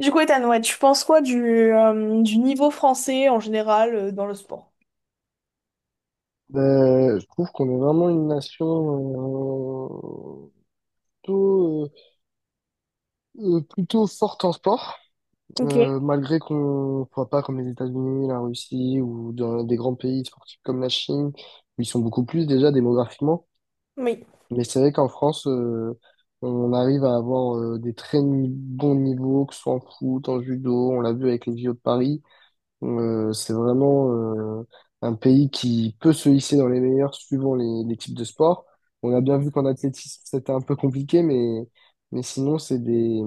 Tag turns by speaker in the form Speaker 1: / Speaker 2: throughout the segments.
Speaker 1: Du coup, Ethan, ouais, tu penses quoi du niveau français en général dans le sport?
Speaker 2: Ben, je trouve qu'on est vraiment une nation euh, plutôt, plutôt forte en sport,
Speaker 1: Ok.
Speaker 2: malgré qu'on ne soit pas comme les États-Unis, la Russie ou dans des grands pays sportifs comme la Chine, où ils sont beaucoup plus déjà démographiquement.
Speaker 1: Oui,
Speaker 2: Mais c'est vrai qu'en France, on arrive à avoir des très bons niveaux, que ce soit en foot, en judo, on l'a vu avec les JO de Paris. C'est vraiment euh, un pays qui peut se hisser dans les meilleurs suivant les types de sport. On a bien vu qu'en athlétisme, c'était un peu compliqué, mais sinon,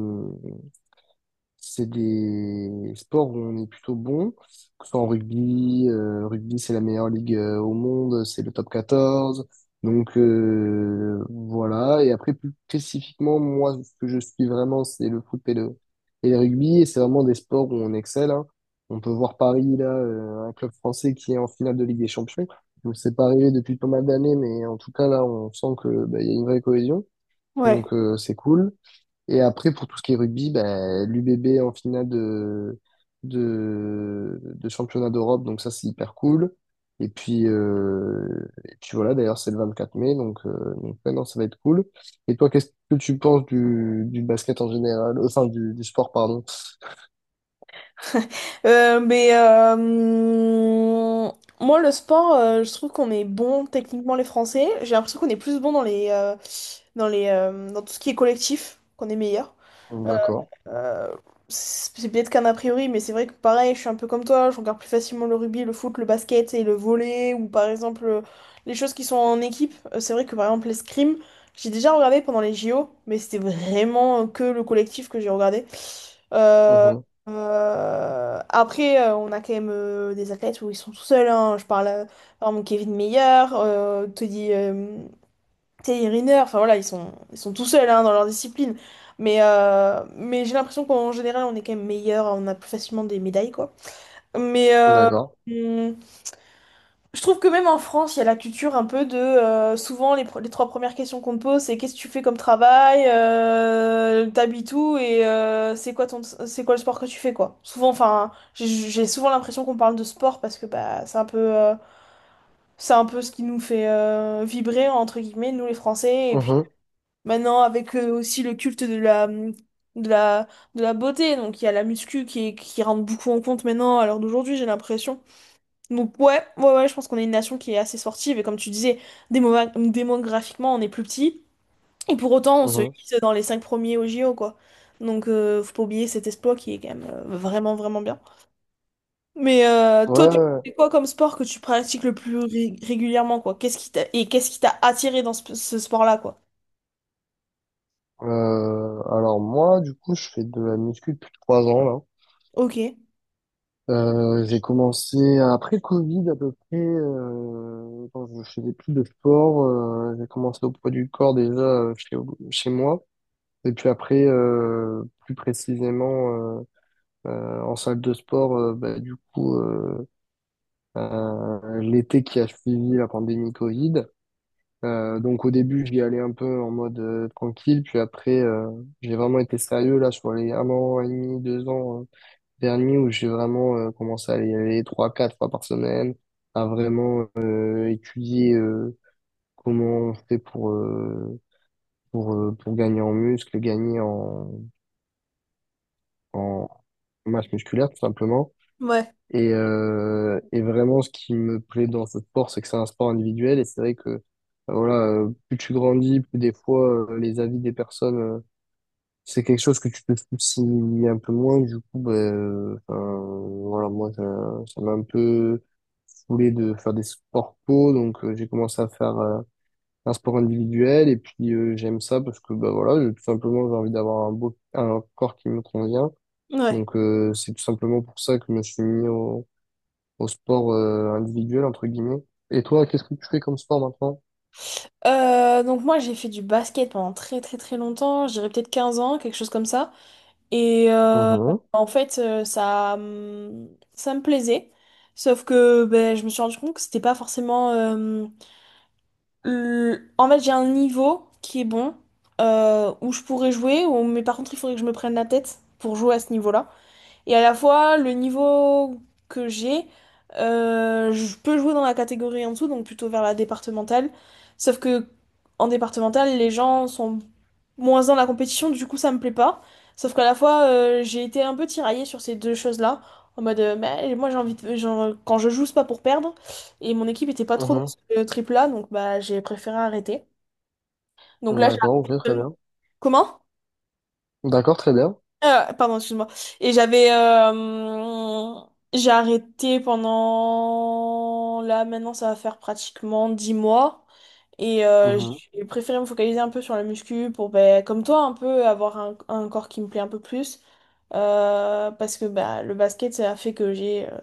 Speaker 2: c'est des sports où on est plutôt bon, que ce soit en rugby. Rugby, c'est la meilleure ligue au monde, c'est le Top 14. Donc voilà. Et après, plus spécifiquement, moi, ce que je suis vraiment, c'est le foot et le rugby. Et c'est vraiment des sports où on excelle, hein. On peut voir Paris, là, un club français qui est en finale de Ligue des Champions. Donc c'est pas arrivé depuis pas mal d'années, mais en tout cas, là, on sent que bah, il y a une vraie cohésion.
Speaker 1: ouais.
Speaker 2: Donc c'est cool. Et après, pour tout ce qui est rugby, ben, l'UBB en finale de championnat d'Europe, donc ça c'est hyper cool. Et puis voilà, d'ailleurs c'est le 24 mai, donc ouais, non, ça va être cool. Et toi, qu'est-ce que tu penses du basket en général, enfin du sport, pardon.
Speaker 1: Euh, mais euh, hum, Moi, le sport, je trouve qu'on est bon techniquement les Français. J'ai l'impression qu'on est plus bon dans dans tout ce qui est collectif, qu'on est meilleur. Euh,
Speaker 2: D'accord.
Speaker 1: Euh, c'est bête qu'un a priori, mais c'est vrai que pareil, je suis un peu comme toi, je regarde plus facilement le rugby, le foot, le basket et le volley, ou par exemple les choses qui sont en équipe. C'est vrai que par exemple l'escrime, j'ai déjà regardé pendant les JO, mais c'était vraiment que le collectif que j'ai regardé. Euh,
Speaker 2: Mhm.
Speaker 1: Après, on a quand même des athlètes où ils sont tout seuls, hein. Je parle par exemple Kevin Meyer, Teddy, Thierry Riner, enfin voilà, ils sont tout seuls hein, dans leur discipline. Mais j'ai l'impression qu'en général, on est quand même meilleur, on a plus facilement des médailles, quoi. Mais euh,
Speaker 2: D'accord.
Speaker 1: hum, je trouve que même en France, il y a la culture un peu de. Souvent, les trois premières questions qu'on te pose, c'est qu'est-ce que tu fais comme travail, t'habites où et c'est quoi c'est quoi le sport que tu fais, quoi. Souvent, enfin, j'ai souvent l'impression qu'on parle de sport parce que bah, c'est un peu, c'est un peu ce qui nous fait vibrer, entre guillemets, nous les Français. Et puis,
Speaker 2: Mhm.
Speaker 1: maintenant, avec aussi le culte de la, mmh, de la, de la beauté, donc il y a la muscu qui rentre beaucoup en compte maintenant à l'heure d'aujourd'hui, j'ai l'impression. Donc ouais, ouais, ouais, je pense qu'on est une nation qui est assez sportive, et comme tu disais, démographiquement, on est plus petit, et pour autant, on se
Speaker 2: Mhm.
Speaker 1: hisse dans les cinq premiers au JO, quoi. Donc faut pas oublier cet exploit qui est quand même vraiment, vraiment bien. Mais
Speaker 2: Ouais,
Speaker 1: toi, tu
Speaker 2: ouais.
Speaker 1: fais quoi comme sport que tu pratiques le plus régulièrement, quoi? Qu'est-ce qui t'a, et qu'est-ce qui t'a attiré dans ce sport-là, quoi?
Speaker 2: Alors moi, du coup, je fais de la muscu depuis 3 ans là.
Speaker 1: Ok,
Speaker 2: J'ai commencé après le Covid à peu près, quand je faisais plus de sport. J'ai commencé au poids du corps déjà chez moi. Et puis après, plus précisément en salle de sport, bah, du coup, l'été qui a suivi la pandémie Covid. Donc au début, j'y allais un peu en mode tranquille, puis après, j'ai vraiment été sérieux là sur les 1 an et demi, 2 ans dernier où j'ai vraiment commencé à y aller 3, 4 fois par semaine, à vraiment étudier comment on fait pour gagner en muscle, gagner en masse musculaire tout simplement.
Speaker 1: ouais,
Speaker 2: Et vraiment, ce qui me plaît dans ce sport, c'est que c'est un sport individuel. Et c'est vrai que voilà, plus tu grandis, plus des fois les avis des personnes c'est quelque chose que tu peux soucies un peu moins, du coup, ben, enfin, voilà, moi, ça m'a un peu saoulé de faire des sports co, donc j'ai commencé à faire un sport individuel, et puis j'aime ça parce que, bah voilà, tout simplement, j'ai envie d'avoir un corps qui me convient,
Speaker 1: ouais.
Speaker 2: donc c'est tout simplement pour ça que je me suis mis au sport individuel, entre guillemets. Et toi, qu'est-ce que tu fais comme sport maintenant?
Speaker 1: Donc moi j'ai fait du basket pendant très très très longtemps, je dirais peut-être 15 ans, quelque chose comme ça. Et euh,
Speaker 2: Mhm,
Speaker 1: en fait euh, ça, hum, Ça me plaisait. Sauf que ben, je me suis rendu compte que c'était pas forcément. En fait j'ai un niveau qui est bon, où je pourrais jouer, mais par contre il faudrait que je me prenne la tête pour jouer à ce niveau-là. Et à la fois, le niveau que j'ai, je peux jouer dans la catégorie en dessous, donc plutôt vers la départementale. Sauf que en départementale, les gens sont moins dans la compétition, du coup ça me plaît pas. Sauf qu'à la fois, j'ai été un peu tiraillée sur ces deux choses-là. En mode, mais moi j'ai envie de. Quand je joue, c'est pas pour perdre. Et mon équipe était pas trop dans
Speaker 2: mhm.
Speaker 1: ce trip-là, donc bah j'ai préféré arrêter. Donc là,
Speaker 2: D'accord, ok,
Speaker 1: j'ai.
Speaker 2: très bien.
Speaker 1: Comment?
Speaker 2: D'accord, très bien.
Speaker 1: Pardon, excuse-moi. Et j'avais. J'ai arrêté pendant... Là, maintenant, ça va faire pratiquement 10 mois. Et
Speaker 2: Mhm,
Speaker 1: j'ai préféré me focaliser un peu sur la muscu pour, ben, comme toi, un peu avoir un corps qui me plaît un peu plus. Parce que bah, le basket, ça a fait que j'ai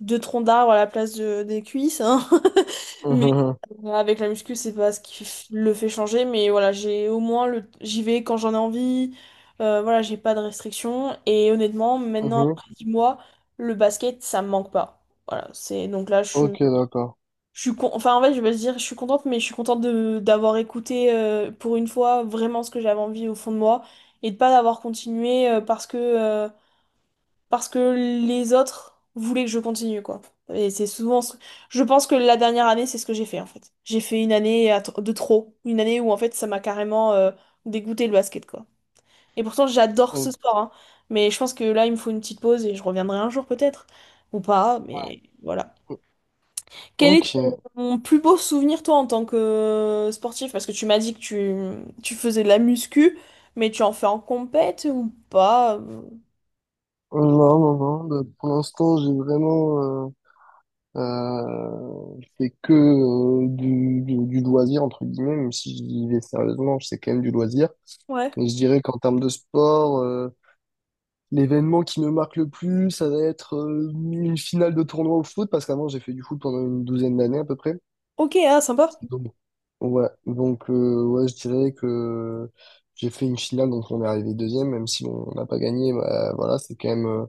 Speaker 1: deux troncs d'arbre à la place des cuisses, hein. Mais
Speaker 2: mhm,
Speaker 1: euh, avec la muscu, c'est pas ce qui le fait changer. Mais voilà, j'ai au moins j'y vais quand j'en ai envie. Voilà, j'ai pas de restrictions. Et honnêtement,
Speaker 2: mhm,
Speaker 1: maintenant,
Speaker 2: mhm.
Speaker 1: après 10 mois, le basket, ça me manque pas. Voilà, c'est donc là, je suis.
Speaker 2: Ok, d'accord.
Speaker 1: Enfin, en fait, je vais dire, je suis contente, mais je suis contente de d'avoir écouté pour une fois vraiment ce que j'avais envie au fond de moi et de pas d'avoir continué parce que les autres voulaient que je continue, quoi. Et c'est souvent. Je pense que la dernière année, c'est ce que j'ai fait, en fait. J'ai fait une année de trop. Une année où, en fait, ça m'a carrément dégoûté le basket, quoi. Et pourtant, j'adore ce
Speaker 2: O-
Speaker 1: sport, hein. Mais je pense que là, il me faut une petite pause et je reviendrai un jour, peut-être. Ou pas, mais voilà. Quel est
Speaker 2: Ok. Non,
Speaker 1: ton plus beau souvenir, toi, en tant que sportif? Parce que tu m'as dit que tu faisais de la muscu, mais tu en fais en compète ou pas?
Speaker 2: non, non. Bah, pour l'instant, j'ai vraiment fait que du loisir, entre guillemets, même si je vivais sérieusement, c'est quand même du loisir.
Speaker 1: Ouais.
Speaker 2: Mais je dirais qu'en termes de sport, l'événement qui me marque le plus, ça va être une finale de tournoi au foot, parce qu'avant, j'ai fait du foot pendant une douzaine d'années à peu près.
Speaker 1: Ok, ah, sympa.
Speaker 2: Donc, ouais, je dirais que j'ai fait une finale, donc on est arrivé deuxième, même si on n'a pas gagné, bah, voilà, c'est quand même euh,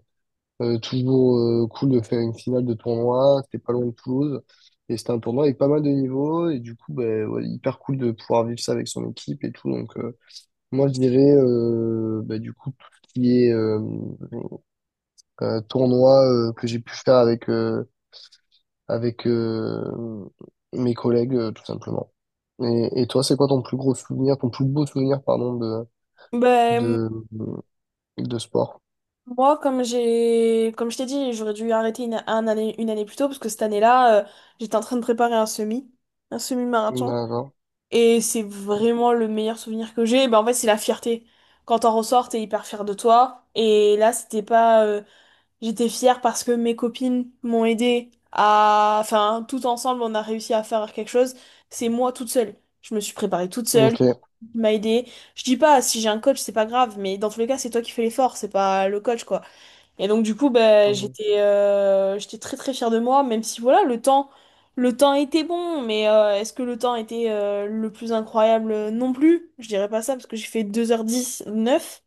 Speaker 2: euh, toujours cool de faire une finale de tournoi, c'était pas loin de Toulouse, et c'était un tournoi avec pas mal de niveaux, et du coup, bah, ouais, hyper cool de pouvoir vivre ça avec son équipe et tout, donc moi je dirais, bah, du coup, tout ce qui est tournoi que j'ai pu faire avec avec mes collègues, tout simplement. Et toi, c'est quoi ton plus gros souvenir, ton plus beau souvenir, pardon,
Speaker 1: Ben,
Speaker 2: de, de sport?
Speaker 1: moi, comme je t'ai dit, j'aurais dû arrêter un année, une année plus tôt parce que cette année-là, j'étais en train de préparer un semi, un semi-marathon.
Speaker 2: D'accord.
Speaker 1: Et c'est vraiment le meilleur souvenir que j'ai. Ben, en fait, c'est la fierté. Quand t'en ressors, t'es hyper fier de toi. Et là, c'était pas, j'étais fière parce que mes copines m'ont aidé à, enfin, tout ensemble, on a réussi à faire quelque chose. C'est moi toute seule. Je me suis préparée toute seule,
Speaker 2: Ok.
Speaker 1: il m'a aidée. Je dis pas, si j'ai un coach, c'est pas grave, mais dans tous les cas, c'est toi qui fais l'effort, c'est pas le coach, quoi. Et donc du coup, bah,
Speaker 2: Mhm.
Speaker 1: j'étais très très fière de moi, même si voilà, le temps était bon, mais est-ce que le temps était le plus incroyable? Non plus. Je dirais pas ça parce que j'ai fait deux heures dix neuf.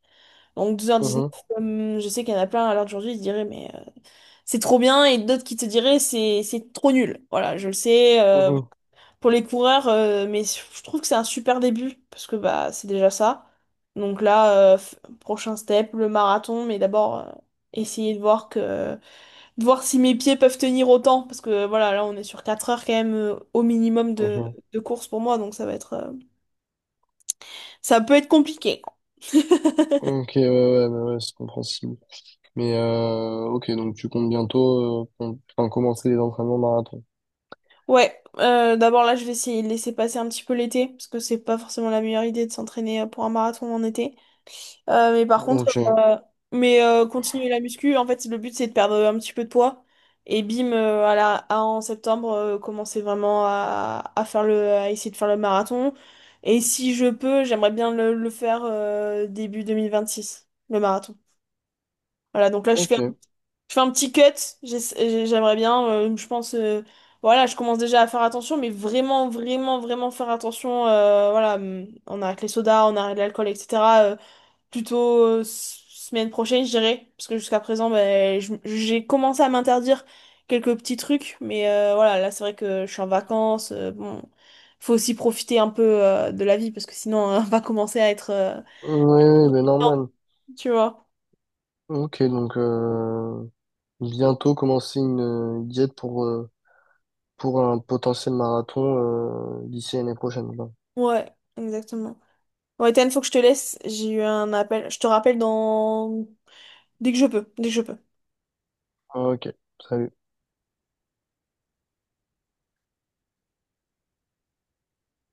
Speaker 1: Donc 2h19,
Speaker 2: Mhm.
Speaker 1: comme je sais qu'il y en a plein à l'heure d'aujourd'hui, ils se diraient mais c'est trop bien et d'autres qui te diraient c'est trop nul. Voilà, je le sais
Speaker 2: Mhm.
Speaker 1: pour les coureurs, mais je trouve que c'est un super début parce que bah c'est déjà ça. Donc là, prochain step, le marathon, mais d'abord essayer de voir que de voir si mes pieds peuvent tenir autant, parce que voilà, là on est sur 4 heures quand même au minimum
Speaker 2: Mhm.
Speaker 1: de course pour moi, donc ça va être, ça peut être compliqué.
Speaker 2: Ok, ouais, ouais, ouais, ouais, c'est compréhensible. Mais ok, donc tu comptes bientôt enfin, commencer les entraînements marathon.
Speaker 1: Ouais, d'abord là je vais essayer de laisser passer un petit peu l'été, parce que c'est pas forcément la meilleure idée de s'entraîner pour un marathon en été. Mais par contre,
Speaker 2: Ok,
Speaker 1: euh, continuer la muscu, en fait, le but c'est de perdre un petit peu de poids. Et bim, en septembre, commencer vraiment à faire à essayer de faire le marathon. Et si je peux, j'aimerais bien le faire début 2026, le marathon. Voilà, donc là,
Speaker 2: ok. Ouais,
Speaker 1: je fais un petit cut. J'aimerais bien, voilà, je commence déjà à faire attention, mais vraiment, vraiment, vraiment faire attention. Voilà, on arrête les sodas, on arrête l'alcool, etc, plutôt semaine prochaine, je dirais. Parce que jusqu'à présent, ben, j'ai commencé à m'interdire quelques petits trucs. Mais voilà, là, c'est vrai que je suis en vacances. Bon, faut aussi profiter un peu de la vie parce que sinon, on va commencer à être
Speaker 2: ouais, ben normal.
Speaker 1: tu vois.
Speaker 2: Ok, donc bientôt commencer une diète pour un potentiel marathon d'ici l'année prochaine, quoi.
Speaker 1: Ouais, exactement. Ouais, Ethan, faut que je te laisse. J'ai eu un appel. Je te rappelle dans... dès que je peux. Dès que je peux.
Speaker 2: Ok, salut.